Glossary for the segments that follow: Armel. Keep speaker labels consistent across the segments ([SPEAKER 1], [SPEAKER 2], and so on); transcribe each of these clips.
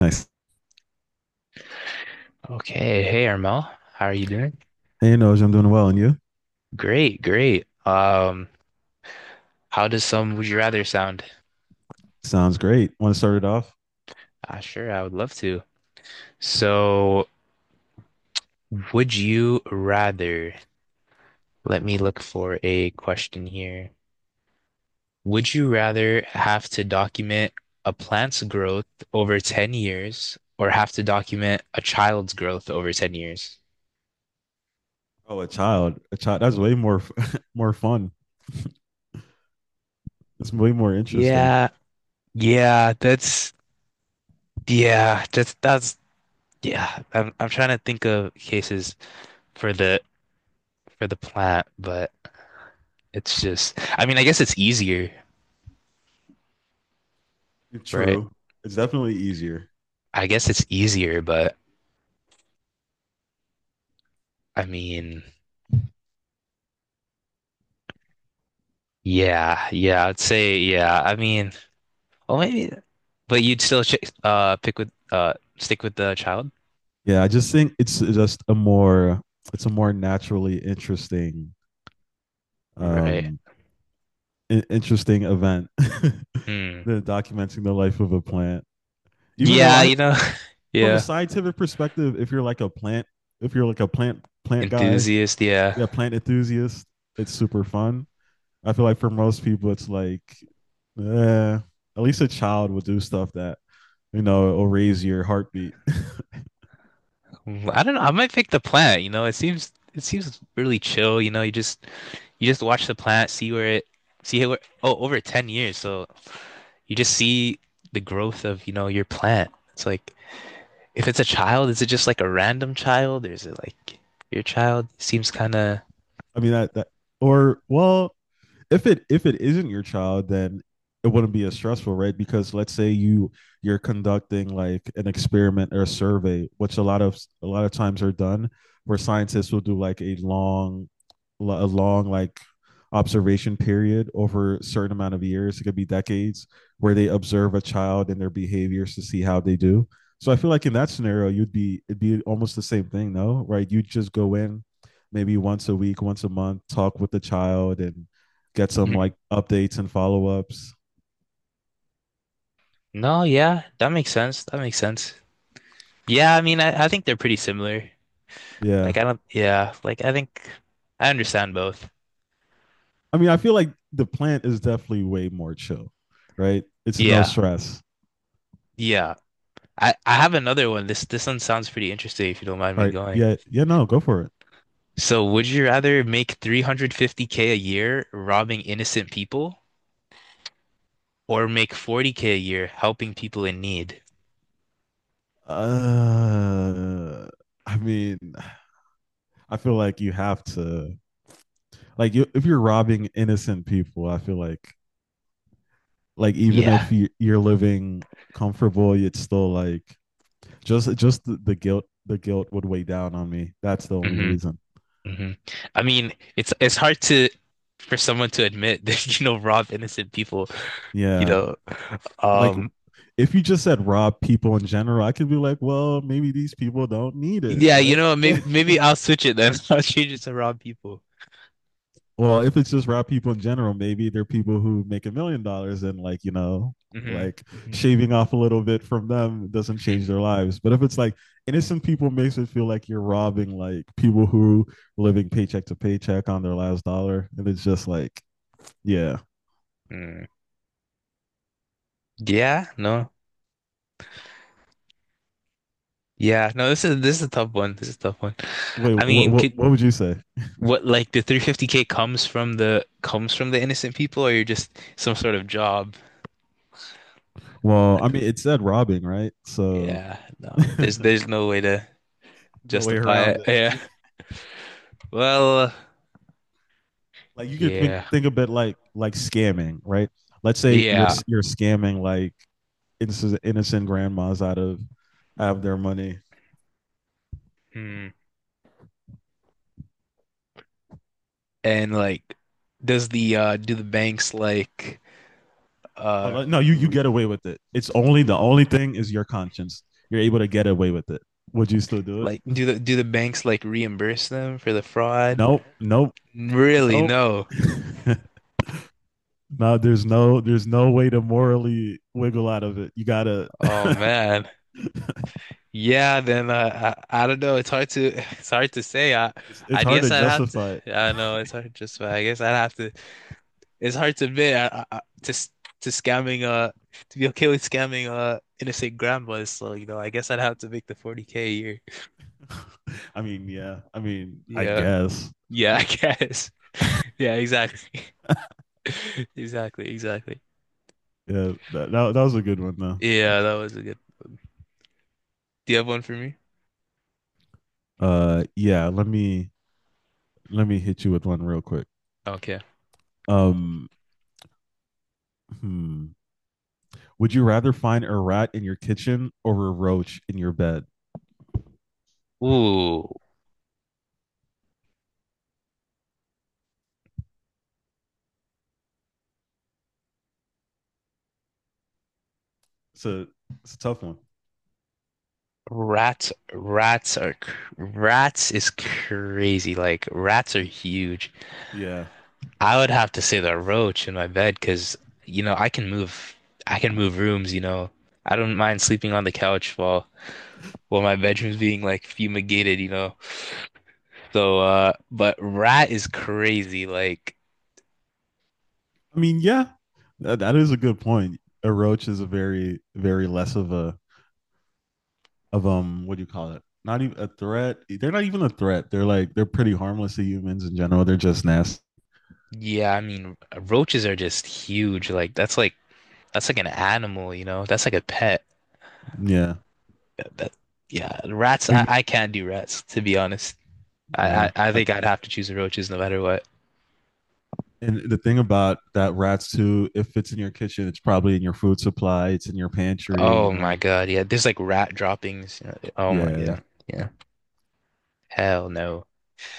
[SPEAKER 1] Nice.
[SPEAKER 2] Okay, hey Armel, how are you doing?
[SPEAKER 1] Hey, Noj, I'm doing well, and you?
[SPEAKER 2] Great, great. How does some would you rather sound?
[SPEAKER 1] Sounds great. Want to start it off?
[SPEAKER 2] Ah, sure, I would love to. So, would you rather, let me look for a question here. Would you rather have to document a plant's growth over 10 years or have to document a child's growth over 10 years?
[SPEAKER 1] Oh, a child. A child. That's way more more fun. It's way more interesting.
[SPEAKER 2] Yeah, yeah, that's yeah. I'm trying to think of cases for the for the plant, but it's just, I mean, I guess it's easier, right?
[SPEAKER 1] True. It's definitely easier.
[SPEAKER 2] I guess it's easier, but I mean, yeah, yeah, I'd say, yeah. I mean, well, maybe, but you'd still ch pick with stick with the child,
[SPEAKER 1] Yeah, I just think it's just a more it's a more naturally interesting
[SPEAKER 2] right?
[SPEAKER 1] um I- interesting event
[SPEAKER 2] Hmm.
[SPEAKER 1] than documenting the life of a plant. Even though
[SPEAKER 2] Yeah,
[SPEAKER 1] I from a
[SPEAKER 2] yeah,
[SPEAKER 1] scientific perspective, if you're like a plant, if you're like a plant guy,
[SPEAKER 2] enthusiast, yeah.
[SPEAKER 1] yeah, plant enthusiast, it's super fun. I feel like for most people, it's like, eh, at least a child will do stuff that you know will raise your heartbeat.
[SPEAKER 2] Mm, I don't know. I might pick the plant. It seems really chill. You just watch the planet, see where, oh, over 10 years. So you just see the growth of, your plant. It's like, if it's a child, is it just like a random child? Or is it like your child seems kind of,
[SPEAKER 1] I mean that or well, if it isn't your child, then it wouldn't be as stressful, right? Because let's say you're conducting like an experiment or a survey, which a lot of times are done, where scientists will do like a long like observation period over a certain amount of years. It could be decades where they observe a child and their behaviors to see how they do. So I feel like in that scenario, you'd be it'd be almost the same thing, no? Right? You'd just go in maybe once a week, once a month, talk with the child and get some like updates and follow ups.
[SPEAKER 2] no, yeah, that makes sense. That makes sense. Yeah, I mean, I think they're pretty similar.
[SPEAKER 1] Yeah.
[SPEAKER 2] Like, I don't, yeah, like, I think I understand both.
[SPEAKER 1] I mean, I feel like the plant is definitely way more chill, right? It's no
[SPEAKER 2] Yeah,
[SPEAKER 1] stress.
[SPEAKER 2] yeah. I have another one. This one sounds pretty interesting if you don't mind
[SPEAKER 1] All
[SPEAKER 2] me
[SPEAKER 1] right.
[SPEAKER 2] going.
[SPEAKER 1] Yeah. Yeah. No, go for it.
[SPEAKER 2] So, would you rather make 350k a year robbing innocent people or make 40k a year helping people in need?
[SPEAKER 1] Uh, I mean, I feel like you have to, like, you, if you're robbing innocent people, I feel like, even
[SPEAKER 2] Yeah.
[SPEAKER 1] if you, you're living comfortable, it's still like just the guilt, the guilt would weigh down on me. That's the only
[SPEAKER 2] hmm
[SPEAKER 1] reason.
[SPEAKER 2] hmm I mean, it's hard to for someone to admit that you know rob innocent people, you
[SPEAKER 1] Yeah.
[SPEAKER 2] know.
[SPEAKER 1] Like,
[SPEAKER 2] Um
[SPEAKER 1] if you just said rob people in general, I could be like, well, maybe these people don't need it,
[SPEAKER 2] yeah, you
[SPEAKER 1] right?
[SPEAKER 2] know,
[SPEAKER 1] Yeah.
[SPEAKER 2] maybe maybe I'll switch it then. I'll change it to rob people.
[SPEAKER 1] Well, if it's just rob people in general, maybe they're people who make $1 million and like, you know,
[SPEAKER 2] hmm
[SPEAKER 1] like
[SPEAKER 2] hmm
[SPEAKER 1] shaving off a little bit from them doesn't change their lives. But if it's like innocent people makes it feel like you're robbing like people who are living paycheck to paycheck on their last dollar. And it's just like, yeah.
[SPEAKER 2] hmm Yeah, no. Yeah, no, this is a tough one. This is a tough one.
[SPEAKER 1] Wait,
[SPEAKER 2] I mean, could
[SPEAKER 1] what would you say?
[SPEAKER 2] What, like the 350k comes from the innocent people, or you're just some sort of job?
[SPEAKER 1] Well, I mean, it said robbing, right? So
[SPEAKER 2] Yeah, no.
[SPEAKER 1] no
[SPEAKER 2] There's no way to
[SPEAKER 1] way
[SPEAKER 2] justify
[SPEAKER 1] around
[SPEAKER 2] it. Yeah.
[SPEAKER 1] it.
[SPEAKER 2] Well,
[SPEAKER 1] Like you could think
[SPEAKER 2] yeah.
[SPEAKER 1] think of it like scamming, right? Let's say you're
[SPEAKER 2] Yeah.
[SPEAKER 1] you're scamming like innocent grandmas out of their money.
[SPEAKER 2] Hmm. And like does the
[SPEAKER 1] Or
[SPEAKER 2] uh
[SPEAKER 1] like, no, you
[SPEAKER 2] re
[SPEAKER 1] get away with it. It's only the only thing is your conscience. You're able to get away with it. Would you still do it?
[SPEAKER 2] do the do the banks like reimburse them for the fraud?
[SPEAKER 1] Nope, nope,
[SPEAKER 2] Really?
[SPEAKER 1] nope.
[SPEAKER 2] No.
[SPEAKER 1] No, there's no way to morally wiggle out of it. You gotta.
[SPEAKER 2] Oh man. Yeah, then I don't know. It's hard to it's hard to say.
[SPEAKER 1] It's
[SPEAKER 2] I
[SPEAKER 1] hard
[SPEAKER 2] guess
[SPEAKER 1] to
[SPEAKER 2] I'd have to.
[SPEAKER 1] justify it.
[SPEAKER 2] I know it's hard. Just I guess I'd have to. It's hard to admit to scamming. To be okay with scamming. Innocent grandmas. So you know, I guess I'd have to make the 40K a year.
[SPEAKER 1] I mean, yeah. I mean, I
[SPEAKER 2] Yeah,
[SPEAKER 1] guess.
[SPEAKER 2] yeah. I guess. Yeah, exactly. Exactly. Exactly.
[SPEAKER 1] Yeah, that was a good one though.
[SPEAKER 2] Yeah, that was a good. Do you have one for me?
[SPEAKER 1] Yeah. Let me hit you with one real quick.
[SPEAKER 2] Okay. Oh.
[SPEAKER 1] Um, hmm. Would you rather find a rat in your kitchen or a roach in your bed?
[SPEAKER 2] Ooh.
[SPEAKER 1] It's a it's a tough one.
[SPEAKER 2] Rats, rats are cr- Rats is crazy. Like rats are huge.
[SPEAKER 1] Yeah.
[SPEAKER 2] I would have to say the roach in my bed because you know I can move. I can move rooms. You know I don't mind sleeping on the couch while my bedroom's being like fumigated. You know so but rat is crazy. Like
[SPEAKER 1] I mean, yeah, that is a good point. A roach is a very less of a of what do you call it? Not even a threat. They're not even a threat. They're like they're pretty harmless to humans in general. They're just nasty.
[SPEAKER 2] yeah, I mean roaches are just huge. That's like an animal. You know that's like a pet.
[SPEAKER 1] Yeah.
[SPEAKER 2] That, yeah, rats.
[SPEAKER 1] Oh, you mean
[SPEAKER 2] I can't do rats to be honest.
[SPEAKER 1] yeah?
[SPEAKER 2] I
[SPEAKER 1] I-
[SPEAKER 2] think I'd have to choose the roaches no matter what.
[SPEAKER 1] And the thing about that rats too, if it's in your kitchen, it's probably in your food supply. It's in your pantry. You
[SPEAKER 2] Oh my
[SPEAKER 1] know.
[SPEAKER 2] God, yeah. There's like rat droppings. You know, oh my
[SPEAKER 1] Yeah,
[SPEAKER 2] God, yeah. Hell no.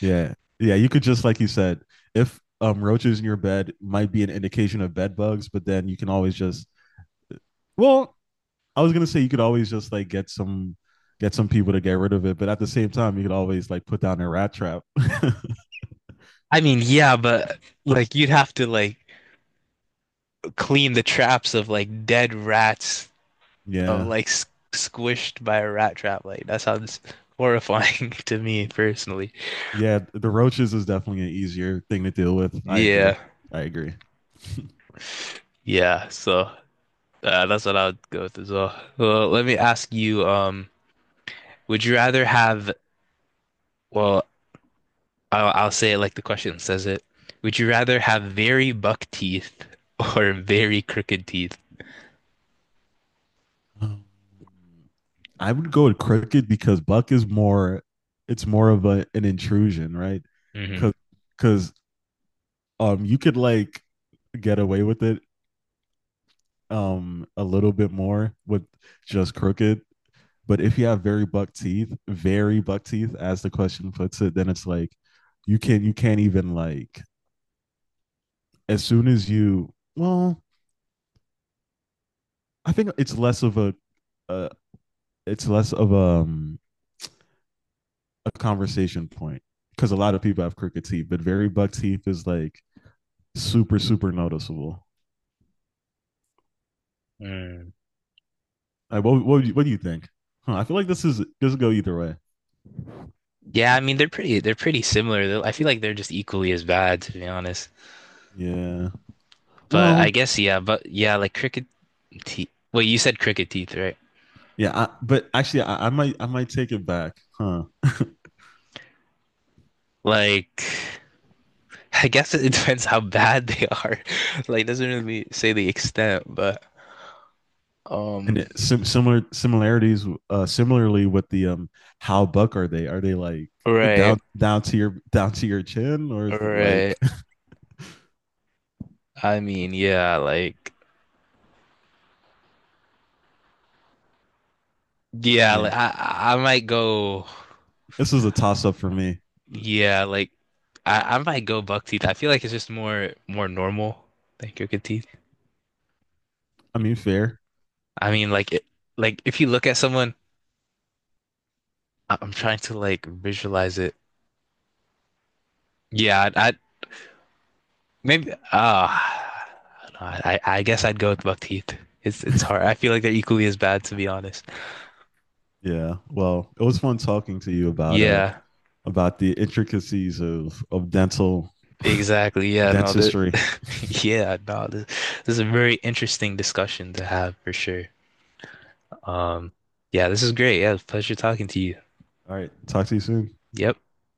[SPEAKER 1] yeah, yeah. You could just like you said, if roaches in your bed might be an indication of bed bugs, but then you can always just. Well, I was gonna say you could always just like get some people to get rid of it, but at the same time, you could always like put down a rat trap.
[SPEAKER 2] I mean, yeah, but you'd have to like clean the traps of like dead rats of
[SPEAKER 1] yeah,
[SPEAKER 2] like s squished by a rat trap. Like that sounds horrifying to me personally.
[SPEAKER 1] yeah. The roaches is definitely an easier thing to deal with. I agree.
[SPEAKER 2] Yeah,
[SPEAKER 1] I agree.
[SPEAKER 2] yeah. So that's what I would go with as well. Well, let me ask you. Would you rather have well I'll say it like the question says it. Would you rather have very buck teeth or very crooked teeth?
[SPEAKER 1] Um, I would go with Crooked because Buck is more. It's more of a an intrusion, right?
[SPEAKER 2] Hmm.
[SPEAKER 1] Because because you could like get away with it a little bit more with just Crooked, but if you have very buck teeth, as the question puts it, then it's like you can't even like as soon as you well, I think it's less of a uh, it's less of a conversation point because a lot of people have crooked teeth, but very buck teeth is like super super noticeable.
[SPEAKER 2] Mm.
[SPEAKER 1] Like, what do you think? Huh, I feel like this is this will go either way.
[SPEAKER 2] Yeah, I mean they're pretty similar. They're, I feel like they're just equally as bad, to be honest.
[SPEAKER 1] Yeah.
[SPEAKER 2] But I
[SPEAKER 1] Well,
[SPEAKER 2] guess yeah, but yeah, like crooked teeth. Well, you said crooked teeth, right?
[SPEAKER 1] yeah, but actually, I might take it back, huh?
[SPEAKER 2] Like I guess it depends how bad they are. Like it doesn't really say the extent, but um
[SPEAKER 1] And it, similarities, similarly with the how buck are they? Are they like
[SPEAKER 2] right,
[SPEAKER 1] down to your chin, or is it like
[SPEAKER 2] right. I mean, yeah,
[SPEAKER 1] yeah?
[SPEAKER 2] like I might go.
[SPEAKER 1] This is a toss up for me.
[SPEAKER 2] Yeah, like I might go buck teeth. I feel like it's just more normal than crooked teeth.
[SPEAKER 1] I mean, fair.
[SPEAKER 2] I mean, like it, like if you look at someone, I- I'm trying to like visualize it. Yeah, I'd maybe. Ah, no, I guess I'd go with buck teeth. It's hard. I feel like they're equally as bad, to be honest.
[SPEAKER 1] Yeah. Well, it was fun talking to you
[SPEAKER 2] Yeah,
[SPEAKER 1] about the intricacies of dental
[SPEAKER 2] exactly. Yeah, no, the
[SPEAKER 1] dentistry.
[SPEAKER 2] yeah, no, this is a very interesting discussion to have for sure. Um, yeah, this is great. Yeah, it was a pleasure talking to you.
[SPEAKER 1] All right. Talk to you soon.
[SPEAKER 2] Yep.